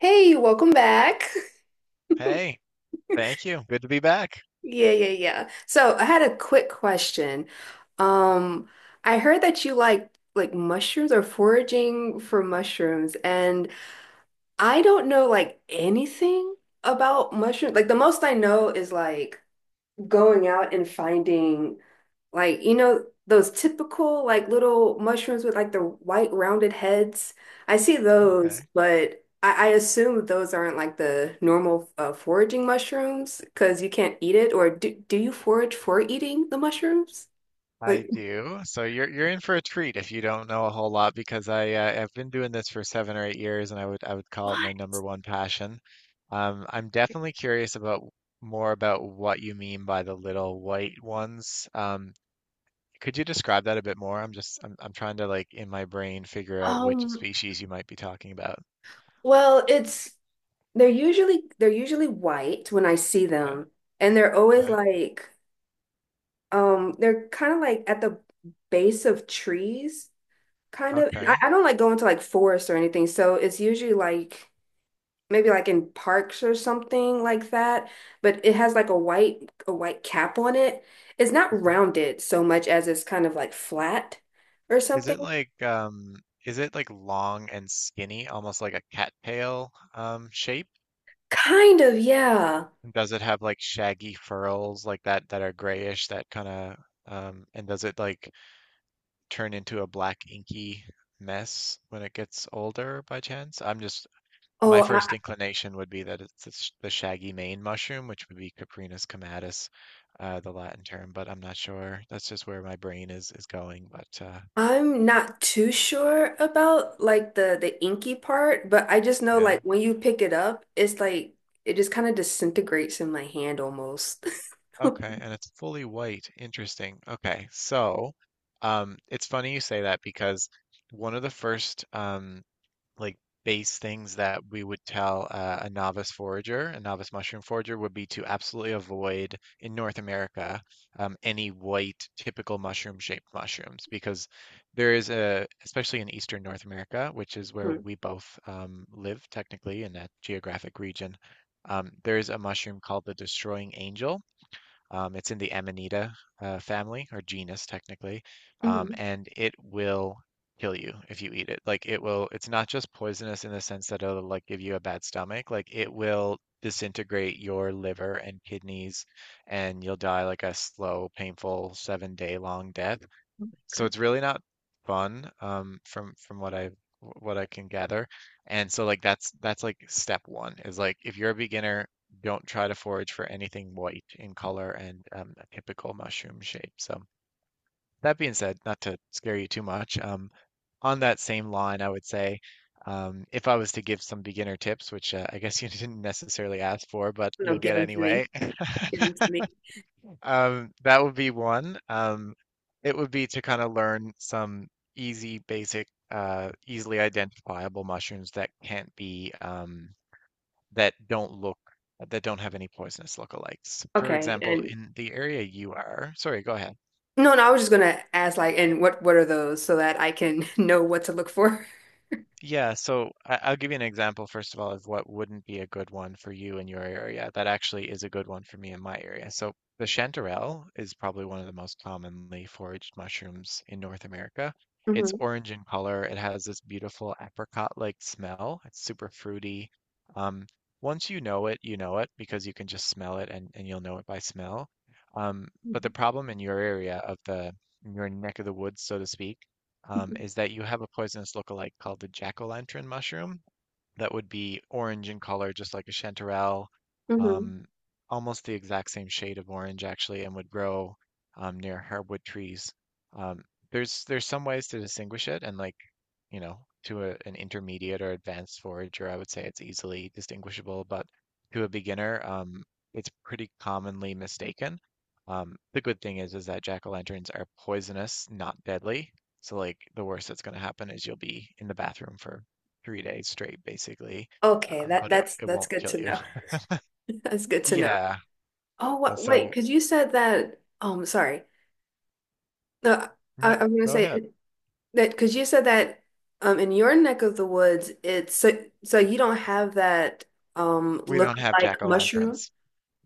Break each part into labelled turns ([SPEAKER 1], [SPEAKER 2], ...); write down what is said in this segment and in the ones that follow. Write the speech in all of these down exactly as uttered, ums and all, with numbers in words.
[SPEAKER 1] Hey, welcome back.
[SPEAKER 2] Hey, thank you. Good to be back.
[SPEAKER 1] Yeah, yeah, yeah. So I had a quick question. Um, I heard that you like like mushrooms or foraging for mushrooms, and I don't know like anything about mushrooms. Like the most I know is like going out and finding. Like, you know, those typical like little mushrooms with like the white rounded heads. I see those,
[SPEAKER 2] Okay.
[SPEAKER 1] but I, I assume those aren't like the normal uh, foraging mushrooms because you can't eat it. Or do, do you forage for eating the mushrooms?
[SPEAKER 2] I
[SPEAKER 1] Like,
[SPEAKER 2] do. So you're you're in for a treat if you don't know a whole lot because I uh, I've been doing this for seven or eight years and I would I would call it
[SPEAKER 1] what?
[SPEAKER 2] my number one passion. Um, I'm definitely curious about more about what you mean by the little white ones. Um, could you describe that a bit more? I'm just I'm I'm trying to like in my brain figure out which
[SPEAKER 1] Um,
[SPEAKER 2] species you might be talking about.
[SPEAKER 1] well, it's they're usually they're usually white when I see
[SPEAKER 2] Yeah.
[SPEAKER 1] them, and they're always
[SPEAKER 2] Okay.
[SPEAKER 1] like um they're kind of like at the base of trees. Kind of. And I, I don't like going to like forests or anything. So it's usually like maybe like in parks or something like that. But it has like a white a white cap on it. It's not
[SPEAKER 2] Okay.
[SPEAKER 1] rounded so much as it's kind of like flat or
[SPEAKER 2] Is
[SPEAKER 1] something.
[SPEAKER 2] it like um is it like long and skinny, almost like a cattail um shape?
[SPEAKER 1] Kind of, yeah.
[SPEAKER 2] And does it have like shaggy furls like that that are grayish that kind of um and does it like turn into a black inky mess when it gets older by chance? I'm just
[SPEAKER 1] Oh,
[SPEAKER 2] My
[SPEAKER 1] I,
[SPEAKER 2] first inclination would be that it's the sh- the shaggy mane mushroom, which would be Caprinus comatus, uh, the Latin term, but I'm not sure. That's just where my brain is is going, but uh
[SPEAKER 1] I'm not too sure about like the the inky part, but I just know
[SPEAKER 2] yeah.
[SPEAKER 1] like when you pick it up, it's like it just kind of disintegrates in my hand almost.
[SPEAKER 2] Okay, and it's fully white. Interesting. Okay, so um, it's funny you say that because one of the first um, like base things that we would tell uh, a novice forager, a novice mushroom forager, would be to absolutely avoid in North America um, any white typical mushroom-shaped mushrooms because there is a, especially in Eastern North America, which is where
[SPEAKER 1] Mhm.
[SPEAKER 2] we both um, live technically in that geographic region. Um, there is a mushroom called the destroying angel um, it's in the Amanita uh, family or genus technically, um,
[SPEAKER 1] Mhm.
[SPEAKER 2] and it will kill you if you eat it. Like it will, it's not just poisonous in the sense that it'll like give you a bad stomach. Like it will disintegrate your liver and kidneys, and you'll die like a slow, painful seven day long death so it's really not fun um from from what I what I can gather. And so like that's that's like step one is like if you're a beginner, don't try to forage for anything white in color and um, a typical mushroom shape. So that being said, not to scare you too much, um, on that same line, I would say um, if I was to give some beginner tips, which uh, I guess you didn't necessarily ask for, but
[SPEAKER 1] No,
[SPEAKER 2] you'll
[SPEAKER 1] give
[SPEAKER 2] get
[SPEAKER 1] them to me.
[SPEAKER 2] anyway,
[SPEAKER 1] Give them to me.
[SPEAKER 2] Um, that would be one. Um, it would be to kind of learn some easy, basic, uh, easily identifiable mushrooms that can't be, um, that don't look, that don't have any poisonous lookalikes. For
[SPEAKER 1] Okay,
[SPEAKER 2] example,
[SPEAKER 1] and
[SPEAKER 2] in the area you are, sorry, go ahead.
[SPEAKER 1] no, no, I was just gonna ask like, and what what are those so that I can know what to look for?
[SPEAKER 2] Yeah, so I- I'll give you an example, first of all, of what wouldn't be a good one for you in your area. That actually is a good one for me in my area. So the chanterelle is probably one of the most commonly foraged mushrooms in North America. It's
[SPEAKER 1] Hmm.
[SPEAKER 2] orange in color. It has this beautiful apricot-like smell. It's super fruity. Um, Once you know it, you know it because you can just smell it and, and you'll know it by smell. Um, but the problem in your area of the, in your neck of the woods, so to speak, um, is that you have a poisonous lookalike called the jack-o'-lantern mushroom that would be orange in color, just like a chanterelle,
[SPEAKER 1] Hmm.
[SPEAKER 2] um, almost the exact same shade of orange actually, and would grow um, near hardwood trees. Um, there's there's some ways to distinguish it, and like you know, to a, an intermediate or advanced forager, I would say it's easily distinguishable, but to a beginner, um, it's pretty commonly mistaken. Um, the good thing is is that jack-o'-lanterns are poisonous, not deadly. So like the worst that's going to happen is you'll be in the bathroom for three days straight, basically.
[SPEAKER 1] Okay,
[SPEAKER 2] Um,
[SPEAKER 1] that
[SPEAKER 2] but it,
[SPEAKER 1] that's
[SPEAKER 2] it
[SPEAKER 1] that's
[SPEAKER 2] won't
[SPEAKER 1] good
[SPEAKER 2] kill
[SPEAKER 1] to
[SPEAKER 2] you.
[SPEAKER 1] know. That's good to know.
[SPEAKER 2] Yeah.
[SPEAKER 1] Oh, what, wait,
[SPEAKER 2] So
[SPEAKER 1] because you said that. Um, sorry. No, I,
[SPEAKER 2] no,
[SPEAKER 1] I was gonna
[SPEAKER 2] go ahead.
[SPEAKER 1] say that because you said that. Um, in your neck of the woods, it's so so you don't have that um
[SPEAKER 2] We
[SPEAKER 1] look
[SPEAKER 2] don't have
[SPEAKER 1] like mushroom.
[SPEAKER 2] jack-o'-lanterns.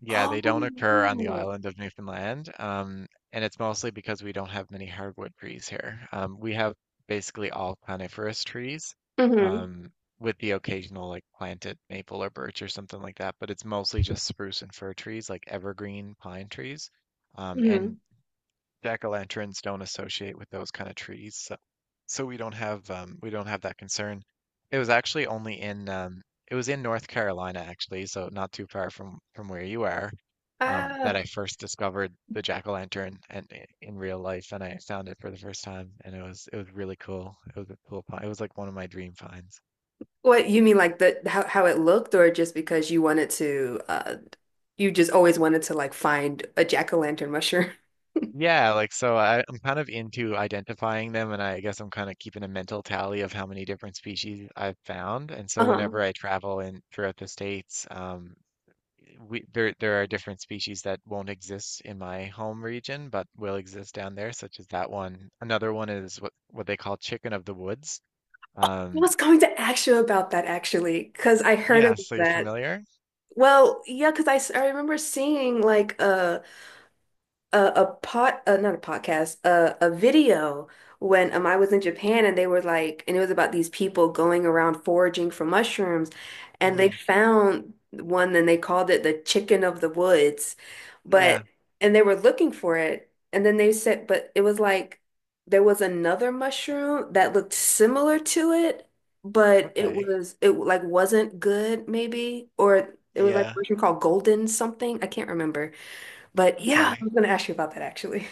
[SPEAKER 2] Yeah, they don't
[SPEAKER 1] Oh
[SPEAKER 2] occur on the
[SPEAKER 1] wow.
[SPEAKER 2] island of Newfoundland, um, and it's mostly because we don't have many hardwood trees here. Um, we have basically all coniferous trees,
[SPEAKER 1] Hmm.
[SPEAKER 2] um, with the occasional like planted maple or birch or something like that, but it's mostly just spruce and fir trees, like evergreen pine trees. Um, and
[SPEAKER 1] Hmm.
[SPEAKER 2] jack-o'-lanterns don't associate with those kind of trees, so we don't have um, we don't have that concern. It was actually only in um, it was in North Carolina actually, so not too far from from where you are, um, that
[SPEAKER 1] Oh.
[SPEAKER 2] I first discovered the jack-o'-lantern and i- in real life, and I found it for the first time, and it was it was really cool. It was a cool find. It was like one of my dream finds.
[SPEAKER 1] What you mean like the how how it looked or just because you wanted to uh you just always wanted to like find a jack-o'-lantern mushroom?
[SPEAKER 2] Yeah, like so I, I'm kind of into identifying them, and I guess I'm kind of keeping a mental tally of how many different species I've found. And so
[SPEAKER 1] Uh-huh.
[SPEAKER 2] whenever I travel in throughout the states, um, we there there are different species that won't exist in my home region but will exist down there such as that one. Another one is what what they call chicken of the woods
[SPEAKER 1] I
[SPEAKER 2] um
[SPEAKER 1] was going to ask you about that actually, because I heard
[SPEAKER 2] yeah
[SPEAKER 1] about
[SPEAKER 2] so you're
[SPEAKER 1] that.
[SPEAKER 2] familiar
[SPEAKER 1] Well, yeah, because I, s- I remember seeing like a, a, a pot uh, not a podcast, a, a video when um, I was in Japan and they were like, and it was about these people going around foraging for mushrooms, and they
[SPEAKER 2] mm,
[SPEAKER 1] found one and they called it the chicken of the woods,
[SPEAKER 2] yeah
[SPEAKER 1] but and they were looking for it and then they said but it was like there was another mushroom that looked similar to it but it
[SPEAKER 2] okay
[SPEAKER 1] was it like wasn't good maybe or it was like a
[SPEAKER 2] yeah
[SPEAKER 1] mushroom called golden something, I can't remember. But yeah, I
[SPEAKER 2] okay
[SPEAKER 1] was going to ask you about that actually.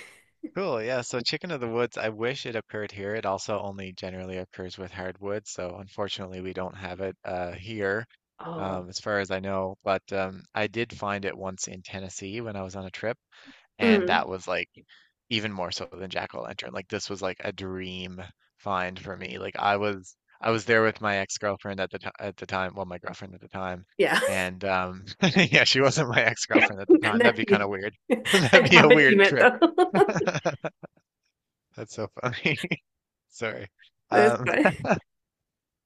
[SPEAKER 2] cool yeah so chicken of the woods I wish it occurred here. It also only generally occurs with hardwood so unfortunately we don't have it uh here
[SPEAKER 1] Oh.
[SPEAKER 2] um as far as I know but um I did find it once in Tennessee when I was on a trip and
[SPEAKER 1] Mm,
[SPEAKER 2] that was like even more so than jack o like, this was, like, a dream find for me, like, I was I was there with my ex-girlfriend at the ti at the time well, my girlfriend at the time,
[SPEAKER 1] yeah.
[SPEAKER 2] and, um yeah, she wasn't my ex-girlfriend at the time,
[SPEAKER 1] And
[SPEAKER 2] that'd
[SPEAKER 1] then
[SPEAKER 2] be kinda
[SPEAKER 1] you,
[SPEAKER 2] weird. That'd
[SPEAKER 1] I
[SPEAKER 2] be
[SPEAKER 1] got
[SPEAKER 2] a
[SPEAKER 1] what you
[SPEAKER 2] weird
[SPEAKER 1] meant
[SPEAKER 2] trip.
[SPEAKER 1] though.
[SPEAKER 2] That's so funny. Sorry.
[SPEAKER 1] That's
[SPEAKER 2] Um,
[SPEAKER 1] good.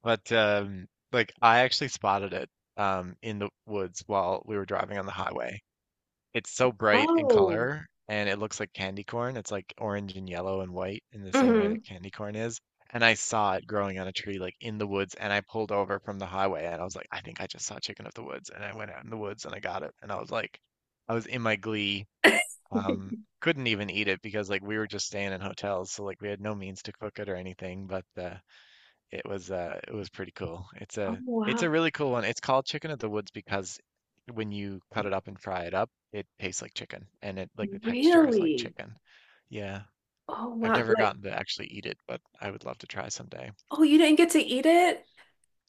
[SPEAKER 2] but, um, like, I actually spotted it, um, in the woods while we were driving on the highway. It's so bright in
[SPEAKER 1] Oh.
[SPEAKER 2] color and it looks like candy corn. It's like orange and yellow and white in the same way that
[SPEAKER 1] Hmm.
[SPEAKER 2] candy corn is. And I saw it growing on a tree like in the woods and I pulled over from the highway and I was like, I think I just saw chicken of the woods. And I went out in the woods and I got it. And I was like, I was in my glee. Um, couldn't even eat it because like we were just staying in hotels, so like we had no means to cook it or anything, but uh it was uh it was pretty cool. It's
[SPEAKER 1] Oh,
[SPEAKER 2] a it's
[SPEAKER 1] wow.
[SPEAKER 2] a really cool one. It's called chicken of the woods because when you cut it up and fry it up, it tastes like chicken and it like the texture is like
[SPEAKER 1] Really?
[SPEAKER 2] chicken. Yeah.
[SPEAKER 1] Oh
[SPEAKER 2] I've
[SPEAKER 1] wow.
[SPEAKER 2] never
[SPEAKER 1] Like,
[SPEAKER 2] gotten to actually eat it, but I would love to try someday.
[SPEAKER 1] oh, you didn't get to eat it?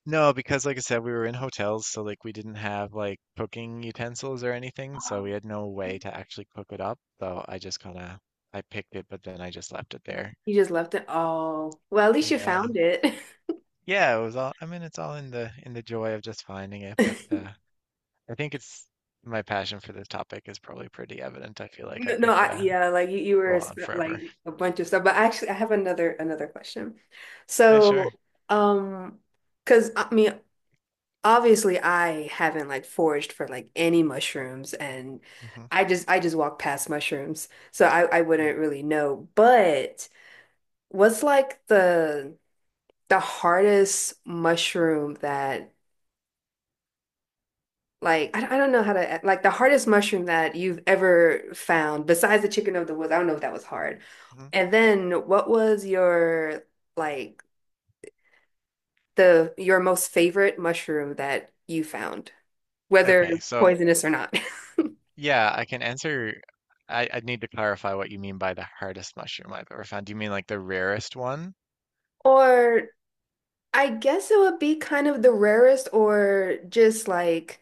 [SPEAKER 2] No, because like I said, we were in hotels, so like we didn't have like cooking utensils or anything, so we
[SPEAKER 1] Oh.
[SPEAKER 2] had no way to actually cook it up. So I just kind of I picked it, but then I just left it there.
[SPEAKER 1] You just left it. Oh, well, at least you
[SPEAKER 2] Yeah.
[SPEAKER 1] found it.
[SPEAKER 2] Yeah, it was all, I mean, it's all in the in the joy of just finding it, but uh I think it's my passion for this topic is probably pretty evident. I feel like I
[SPEAKER 1] No, no,
[SPEAKER 2] could
[SPEAKER 1] I,
[SPEAKER 2] uh,
[SPEAKER 1] yeah, like you, you
[SPEAKER 2] go
[SPEAKER 1] were
[SPEAKER 2] on
[SPEAKER 1] sp-
[SPEAKER 2] forever.
[SPEAKER 1] like a bunch of stuff. But actually, I have another another question.
[SPEAKER 2] Yeah, sure.
[SPEAKER 1] So, um, because I mean, obviously I haven't like foraged for like any mushrooms and
[SPEAKER 2] hmm
[SPEAKER 1] I just I just walk past mushrooms. So I I wouldn't really know. But what's like the the hardest mushroom that like I, I don't know how to like the hardest mushroom that you've ever found besides the chicken of the woods. I don't know if that was hard.
[SPEAKER 2] hmm
[SPEAKER 1] And then what was your like the your most favorite mushroom that you found,
[SPEAKER 2] Okay,
[SPEAKER 1] whether
[SPEAKER 2] so
[SPEAKER 1] poisonous or not?
[SPEAKER 2] yeah, I can answer. I, I need to clarify what you mean by the hardest mushroom I've ever found. Do you mean like the rarest one?
[SPEAKER 1] Or I guess it would be kind of the rarest, or just like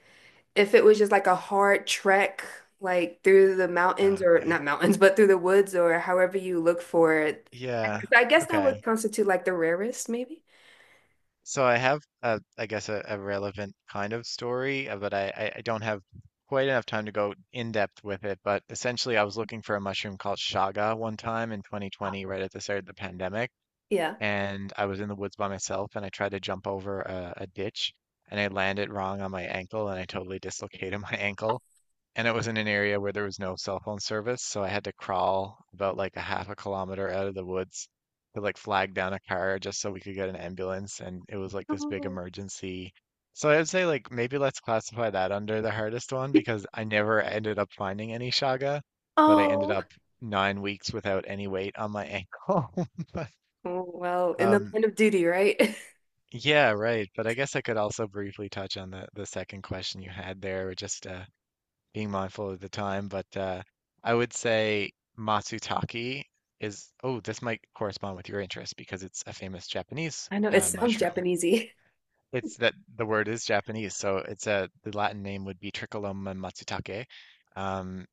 [SPEAKER 1] if it was just like a hard trek, like through the mountains
[SPEAKER 2] Uh,
[SPEAKER 1] or
[SPEAKER 2] okay.
[SPEAKER 1] not mountains, but through the woods or however you look for it. I guess
[SPEAKER 2] Yeah.
[SPEAKER 1] I guess that would
[SPEAKER 2] Okay.
[SPEAKER 1] constitute like the rarest, maybe.
[SPEAKER 2] So I have a, I guess a, a relevant kind of story, uh, but I, I I don't have quite enough time to go in depth with it. But essentially, I was looking for a mushroom called shaga one time in twenty twenty, right at the start of the pandemic,
[SPEAKER 1] Yeah.
[SPEAKER 2] and I was in the woods by myself, and I tried to jump over a, a ditch, and I landed wrong on my ankle, and I totally dislocated my ankle and it was in an area where there was no cell phone service, so I had to crawl about like a half a kilometer out of the woods to like flag down a car just so we could get an ambulance, and it was like this big
[SPEAKER 1] Oh.
[SPEAKER 2] emergency. So I would say like maybe let's classify that under the hardest one because I never ended up finding any shaga, but I ended
[SPEAKER 1] Oh.
[SPEAKER 2] up nine weeks without any weight on my ankle. But,
[SPEAKER 1] Oh, well, in the
[SPEAKER 2] um,
[SPEAKER 1] line of duty, right?
[SPEAKER 2] yeah, right. But I guess I could also briefly touch on the the second question you had there, just uh, being mindful of the time, but uh, I would say matsutake is, oh, this might correspond with your interest because it's a famous Japanese
[SPEAKER 1] I know it
[SPEAKER 2] uh,
[SPEAKER 1] sounds
[SPEAKER 2] mushroom.
[SPEAKER 1] Japanesey.
[SPEAKER 2] It's that the word is Japanese, so it's a the Latin name would be Tricholoma matsutake, um,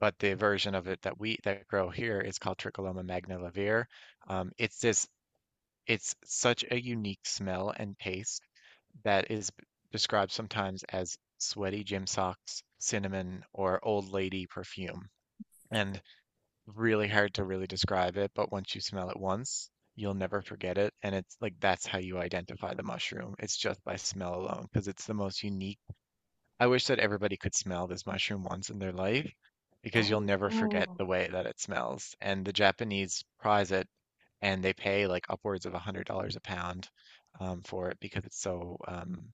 [SPEAKER 2] but the version of it that we that grow here is called Tricholoma magnivelare. Um, it's this, it's such a unique smell and taste that is described sometimes as sweaty gym socks, cinnamon, or old lady perfume. And really hard to really describe it, but once you smell it once, you'll never forget it. And it's like that's how you identify the mushroom. It's just by smell alone, because it's the most unique. I wish that everybody could smell this mushroom once in their life, because you'll
[SPEAKER 1] Oh,
[SPEAKER 2] never forget
[SPEAKER 1] wow.
[SPEAKER 2] the way that it smells. And the Japanese prize it, and they pay like upwards of a $100 a pound um, for it because it's so um,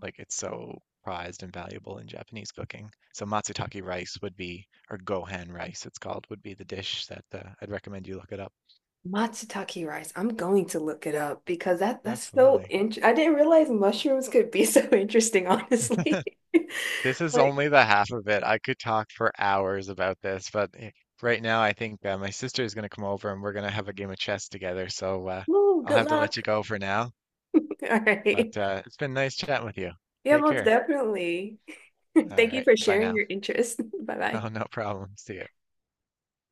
[SPEAKER 2] like it's so prized and valuable in Japanese cooking. So matsutake rice would be, or gohan rice, it's called, would be the dish that uh, I'd recommend you look it up.
[SPEAKER 1] Matsutake rice. I'm going to look it up because that that's so
[SPEAKER 2] Absolutely.
[SPEAKER 1] interesting. I didn't realize mushrooms could be so interesting, honestly.
[SPEAKER 2] This is
[SPEAKER 1] Like,
[SPEAKER 2] only the half of it. I could talk for hours about this, but eh, right now I think uh, my sister is going to come over and we're going to have a game of chess together. So uh,
[SPEAKER 1] oh,
[SPEAKER 2] I'll
[SPEAKER 1] good
[SPEAKER 2] have to
[SPEAKER 1] luck.
[SPEAKER 2] let you go for now.
[SPEAKER 1] All right.
[SPEAKER 2] But uh, it's been nice chatting with you.
[SPEAKER 1] Yeah,
[SPEAKER 2] Take
[SPEAKER 1] most
[SPEAKER 2] care.
[SPEAKER 1] definitely.
[SPEAKER 2] All
[SPEAKER 1] Thank you
[SPEAKER 2] right.
[SPEAKER 1] for
[SPEAKER 2] Bye
[SPEAKER 1] sharing
[SPEAKER 2] now.
[SPEAKER 1] your interest. Bye bye.
[SPEAKER 2] Oh, no problem. See ya.